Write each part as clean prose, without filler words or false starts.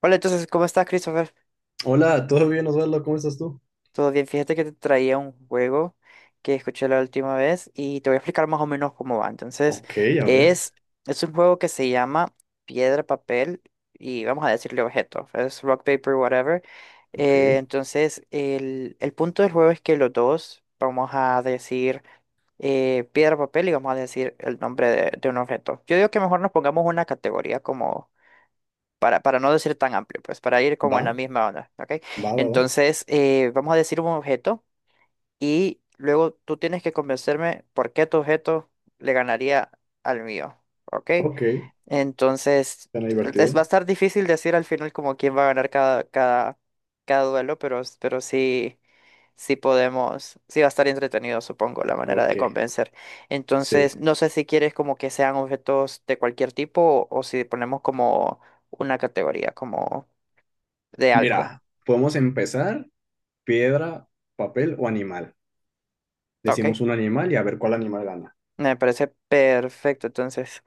Hola, entonces, ¿cómo estás, Christopher? Hola, ¿todo bien, Osvaldo? ¿Cómo estás tú? Todo bien, fíjate que te traía un juego que escuché la última vez y te voy a explicar más o menos cómo va. Entonces, Ok, a ver, es, es un juego que se llama Piedra, Papel y vamos a decirle objeto, es Rock, Paper, whatever. Ok. Entonces, el punto del juego es que los dos vamos a decir piedra, papel y vamos a decir el nombre de un objeto. Yo digo que mejor nos pongamos una categoría como para no decir tan amplio, pues para ir como Va, en la misma onda, ¿ok? va, va, va. Entonces, vamos a decir un objeto y luego tú tienes que convencerme por qué tu objeto le ganaría al mío, ¿ok? Ok, Entonces, suena divertido. va a estar difícil decir al final como quién va a ganar cada duelo, pero sí si podemos, si va a estar entretenido, supongo, la manera de Ok, convencer. Entonces, sí. no sé si quieres como que sean objetos de cualquier tipo o si ponemos como una categoría, como de algo. Mira, podemos empezar piedra, papel o animal. Ok, Decimos un animal y a ver cuál animal gana. me parece perfecto, entonces.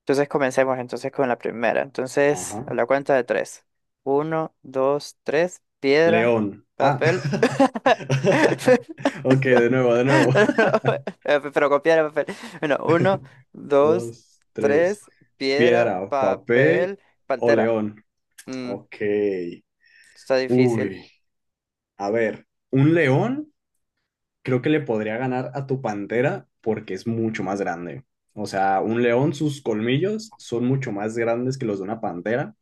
Entonces comencemos entonces con la primera. Entonces, a Ajá. la cuenta de tres. Uno, dos, tres. Piedra, León. Ah. papel. Ok, No, de nuevo, de nuevo. no, no, pero con piedra, papel. Bueno, uno, dos, Dos, tres. tres. Piedra, Piedra, papel papel, o pantera. león. Mm, Ok. está difícil. Uy, a ver, un león. Creo que le podría ganar a tu pantera porque es mucho más grande. O sea, un león, sus colmillos son mucho más grandes que los de una pantera.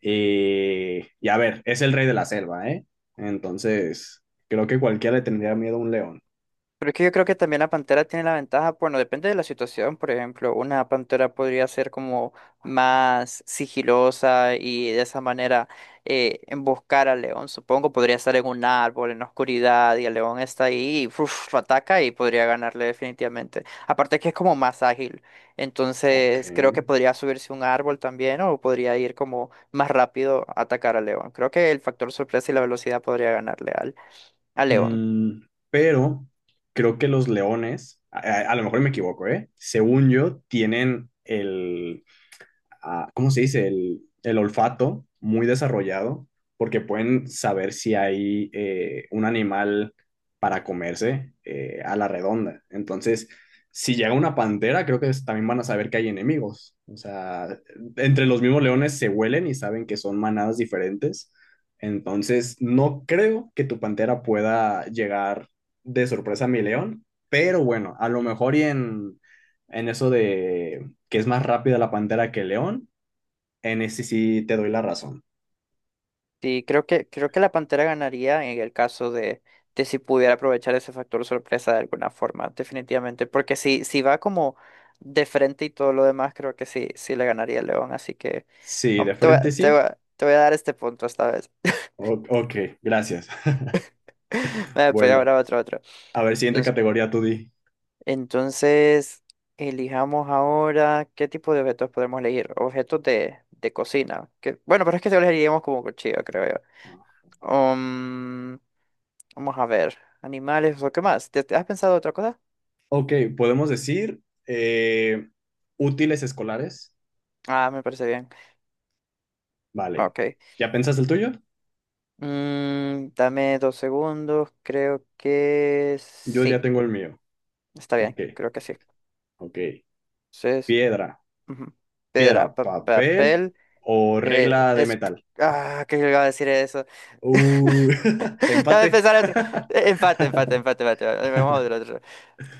Y a ver, es el rey de la selva, ¿eh? Entonces, creo que cualquiera le tendría miedo a un león. Pero es que yo creo que también la pantera tiene la ventaja, bueno, depende de la situación, por ejemplo, una pantera podría ser como más sigilosa y de esa manera emboscar al león, supongo, podría estar en un árbol, en la oscuridad, y el león está ahí, y, uf, ataca y podría ganarle definitivamente. Aparte que es como más ágil, Ok. entonces creo que podría subirse a un árbol también o podría ir como más rápido a atacar al león. Creo que el factor sorpresa y la velocidad podría ganarle al león. Mm, pero creo que los leones, a lo mejor me equivoco, ¿eh? Según yo, tienen el, ah, ¿cómo se dice? El olfato muy desarrollado, porque pueden saber si hay un animal para comerse a la redonda. Entonces, si llega una pantera, creo que es- también van a saber que hay enemigos. O sea, entre los mismos leones se huelen y saben que son manadas diferentes. Entonces, no creo que tu pantera pueda llegar de sorpresa a mi león, pero bueno, a lo mejor y en eso de que es más rápida la pantera que el león, en ese sí te doy la razón. Sí, creo que la Pantera ganaría en el caso de si pudiera aprovechar ese factor sorpresa de alguna forma, definitivamente. Porque si, si va como de frente y todo lo demás, creo que sí, sí le ganaría el León. Así que Sí, de frente sí. Te voy a dar este punto esta vez. O- ok, gracias. Vale, pero Bueno, ahora otro, otro. a ver, siguiente Entonces, categoría, tú di. entonces, Elijamos ahora qué tipo de objetos podemos elegir. Objetos de cocina. Que, bueno, pero es que se elegiríamos como cuchillo, creo yo. Um, Vamos a ver. Animales o qué más. ¿Te, te has pensado otra cosa? Ok, podemos decir útiles escolares. Ah, me parece bien. Vale. Ok. ¿Ya pensaste el tuyo? Mm, dame dos segundos. Creo que Yo ya sí. tengo el mío. Está bien. Ok, Creo que sí. ok. Entonces, Piedra, ujú. Piedra, piedra, papel papel. o regla de Es. metal. Ah, ¿qué iba a decir eso? Uh, Dame empate. pensar otro. Empate, empate, empate, empate, empate. Vamos a ver otro.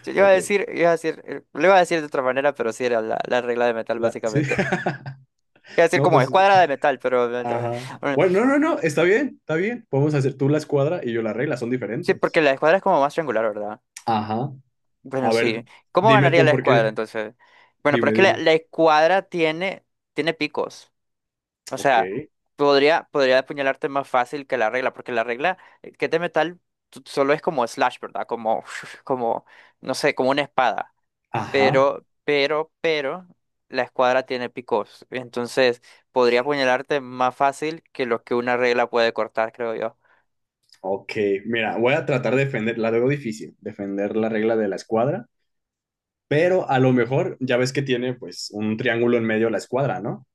Yo Ok. Iba a decir, lo iba a decir de otra manera, pero sí era la regla de metal, La- sí. básicamente. Iba a decir No, como pues escuadra de metal, pero me trabé. ajá. Bueno, no, no, no, está bien, está bien. Podemos hacer tú la escuadra y yo la regla, son Sí, porque diferentes. la escuadra es como más triangular, ¿verdad? Ajá, Bueno, a sí. ver, ¿Cómo dime ganaría tú la por escuadra qué. entonces? Bueno, pero es Dime, que dime. la escuadra tiene, tiene picos. O Ok. sea, podría apuñalarte más fácil que la regla, porque la regla que es de metal solo es como slash, ¿verdad? Como, como, no sé, como una espada. Ajá. Pero la escuadra tiene picos. Entonces, podría apuñalarte más fácil que lo que una regla puede cortar, creo yo. Ok. Mira, voy a tratar de defender, la veo difícil, defender la regla de la escuadra, pero a lo mejor ya ves que tiene pues un triángulo en medio de la escuadra, ¿no?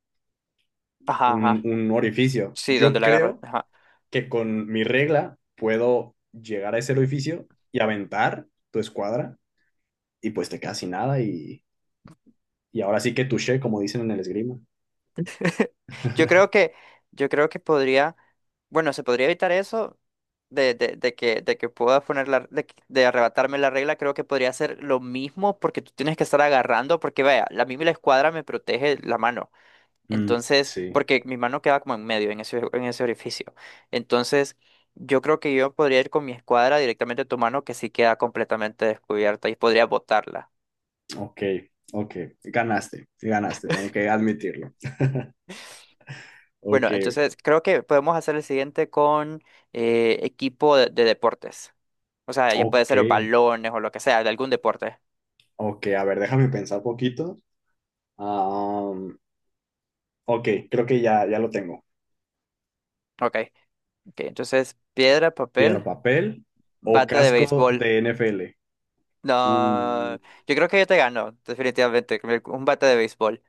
Ajá, Un, ajá. un orificio. Sí, donde Yo la agarra. creo que con mi regla puedo llegar a ese orificio y aventar tu escuadra y pues te quedas sin nada y y ahora sí que touché, como dicen en el esgrima. Yo creo que, yo creo que podría, bueno, se podría evitar eso de de que pueda poner la, de, de arrebatarme la regla, creo que podría ser lo mismo porque tú tienes que estar agarrando, porque vaya, la escuadra me protege la mano. Mm, Entonces, sí, porque mi mano queda como en medio, en ese orificio. Entonces, yo creo que yo podría ir con mi escuadra directamente a tu mano que sí queda completamente descubierta y podría botarla. ok, ok. Ganaste, ganaste, tengo que admitirlo. Bueno, Ok, entonces creo que podemos hacer el siguiente con equipo de deportes. O sea, ya puede ok, ser los balones o lo que sea, de algún deporte. ok. A ver, déjame pensar poquito. Am, ok, creo que ya, ya lo tengo. Ok, ok. Entonces, piedra, Piedra, papel, papel o bate de casco béisbol. de NFL. No, Uh, yo creo que yo te gano, definitivamente, con un bate de béisbol.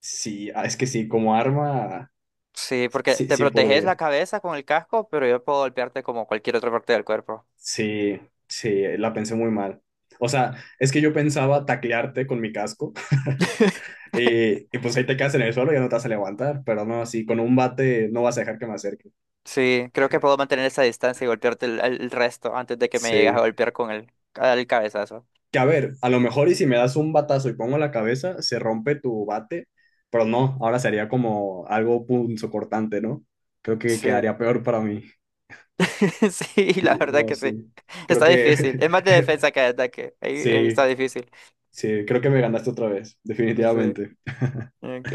sí, ah, es que sí, como arma, Sí, sí, porque sí te sí proteges la podría. cabeza con el casco, pero yo puedo golpearte como cualquier otra parte del cuerpo. Sí, sí, la pensé muy mal. O sea, es que yo pensaba taclearte con mi casco. Y pues ahí te quedas en el suelo y ya no te vas a levantar, pero no, así con un bate no vas a dejar que me acerque. Sí, creo que puedo mantener esa distancia y golpearte el resto antes de que me llegues a Sí. golpear con el cabezazo. Que a ver, a lo mejor y si me das un batazo y pongo la cabeza, se rompe tu bate, pero no, ahora sería como algo punzocortante, ¿no? Creo que Sí. quedaría peor para mí. Sí, la Sí, verdad no, que sí. sí. Creo Está que difícil. Es más de defensa que de ataque. Ahí está sí, difícil. sí, creo que me ganaste otra vez, Sí, definitivamente. ok.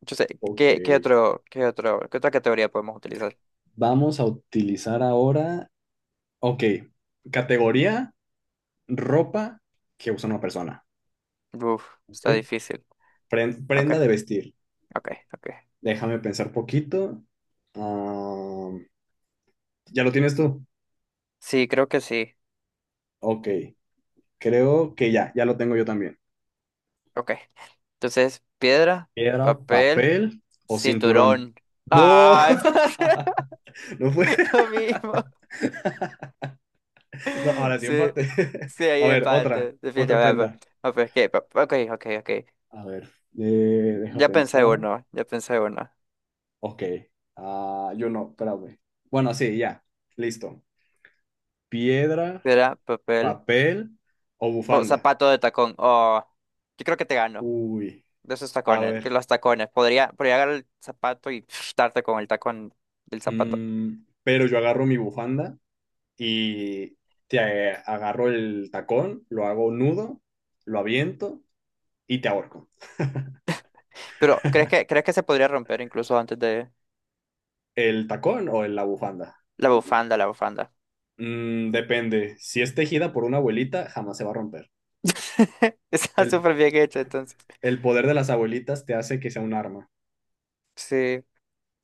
Entonces Ok, qué otra categoría podemos utilizar? vamos a utilizar ahora, ok, categoría ropa que usa una persona. Uf, Ok. está difícil. Pren- Ok, prenda de vestir. ok, ok. Déjame pensar poquito. Ah, ¿ya lo tienes tú? Sí, creo que sí. Ok, creo que ya, ya lo tengo yo también. Ok. Entonces, piedra, Piedra, papel, papel o cinturón. cinturón. No, ¡Ay, madre, no fue. lo mismo! No, ahora sí Sí, empate. sí, hay A ver, otra, empate, otra definitivamente. prenda. Ah, pues, ¿qué? Ok, ok, ok. A ver, eh, deja Ya pensé pensar. uno, ya pensé uno. Ok, ah, yo no, espérame. Bueno, sí, ya, listo. Piedra, Piedra, papel. papel o Oh, bufanda. zapato de tacón. Oh, yo creo que te gano. Uy, De esos a tacones, que ver. los tacones. Podría agarrar el zapato y darte con el tacón del zapato. Mm, pero yo agarro mi bufanda y te agarro el tacón, lo hago nudo, lo aviento y te ahorco. Pero crees que se podría romper incluso antes de ¿El tacón o la bufanda? La bufanda? Mm, depende. Si es tejida por una abuelita, jamás se va a romper. Está El, súper bien hecho, entonces. el poder de las abuelitas te hace que sea un arma. Sí.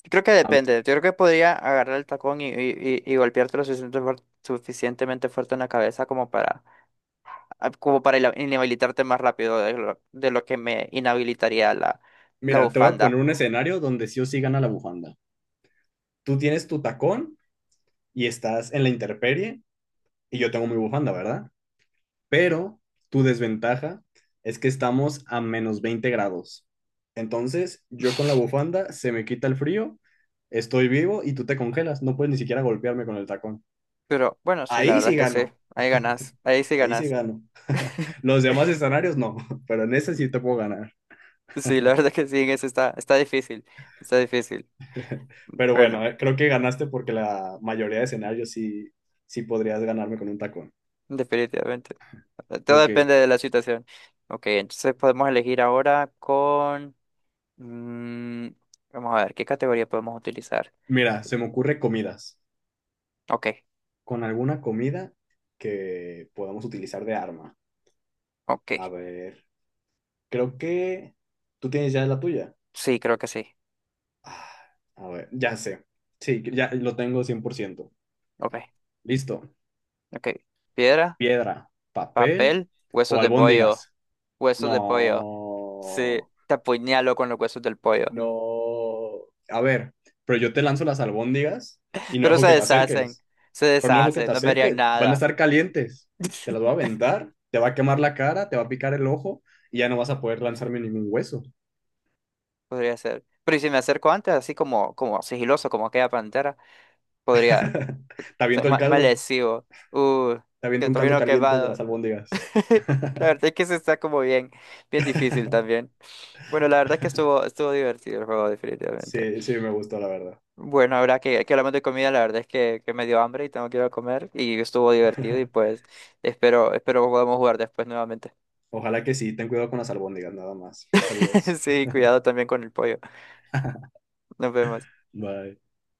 Creo que A ver, depende. Yo creo que podría agarrar el tacón y golpearte lo suficiente suficientemente fuerte en la cabeza como para, ah, como para inhabilitarte más rápido de lo que me inhabilitaría la mira, te voy a poner bufanda. un escenario donde sí o sí gana la bufanda. Tú tienes tu tacón y estás en la intemperie y yo tengo mi bufanda, ¿verdad? Pero tu desventaja es que estamos a -20 grados. Entonces, yo con la bufanda se me quita el frío, estoy vivo y tú te congelas. No puedes ni siquiera golpearme con el tacón. Pero bueno, sí, la Ahí verdad sí que sí. gano, Ahí ganas. Ahí sí ahí sí ganas. gano. Los demás escenarios no, pero en ese sí te puedo ganar. Sí, la verdad que sí, en eso está difícil, está difícil. Pero Bueno, bueno, creo que ganaste porque la mayoría de escenarios sí, sí podrías ganarme con un tacón. definitivamente. Todo Ok, depende de la situación. Ok, entonces podemos elegir ahora con... mm, vamos a ver, ¿qué categoría podemos utilizar? mira, se me ocurre comidas. Ok, Con alguna comida que podamos utilizar de arma. A ok. ver, creo que tú tienes ya la tuya. Sí, creo que sí. Ah, a ver, ya sé. Sí, ya lo tengo 100%. Ok, Listo. ok. Piedra, Piedra, papel papel, huesos o de pollo. albóndigas. Huesos de pollo. Sí, No, te apuñalo con los huesos del pollo. no. A ver, pero yo te lanzo las albóndigas y no Pero dejo que te acerques. se Pero no dejo que deshacen, te no me harían acerques. Van a nada. estar calientes. Te las voy a aventar, te va a quemar la cara, te va a picar el ojo y ya no vas a poder lanzarme ningún hueso. Podría ser. Pero ¿y si me acerco antes, así como, como sigiloso, como aquella pantera, podría Te ser aviento el caldo. malecido. Te Que aviento un todavía caldo no caliente de quemado. las albóndigas. La verdad es que se está como bien difícil también. Bueno, la verdad es que estuvo divertido el juego, definitivamente. Sí, sí, me gustó, la verdad. Bueno, ahora que hablamos de comida, la verdad es que me dio hambre y tengo que ir a comer. Y estuvo divertido y pues espero podamos jugar después nuevamente. Ojalá que sí, ten cuidado con las albóndigas, nada más. Adiós. Sí, cuidado también con el pollo. Nos vemos. Bye.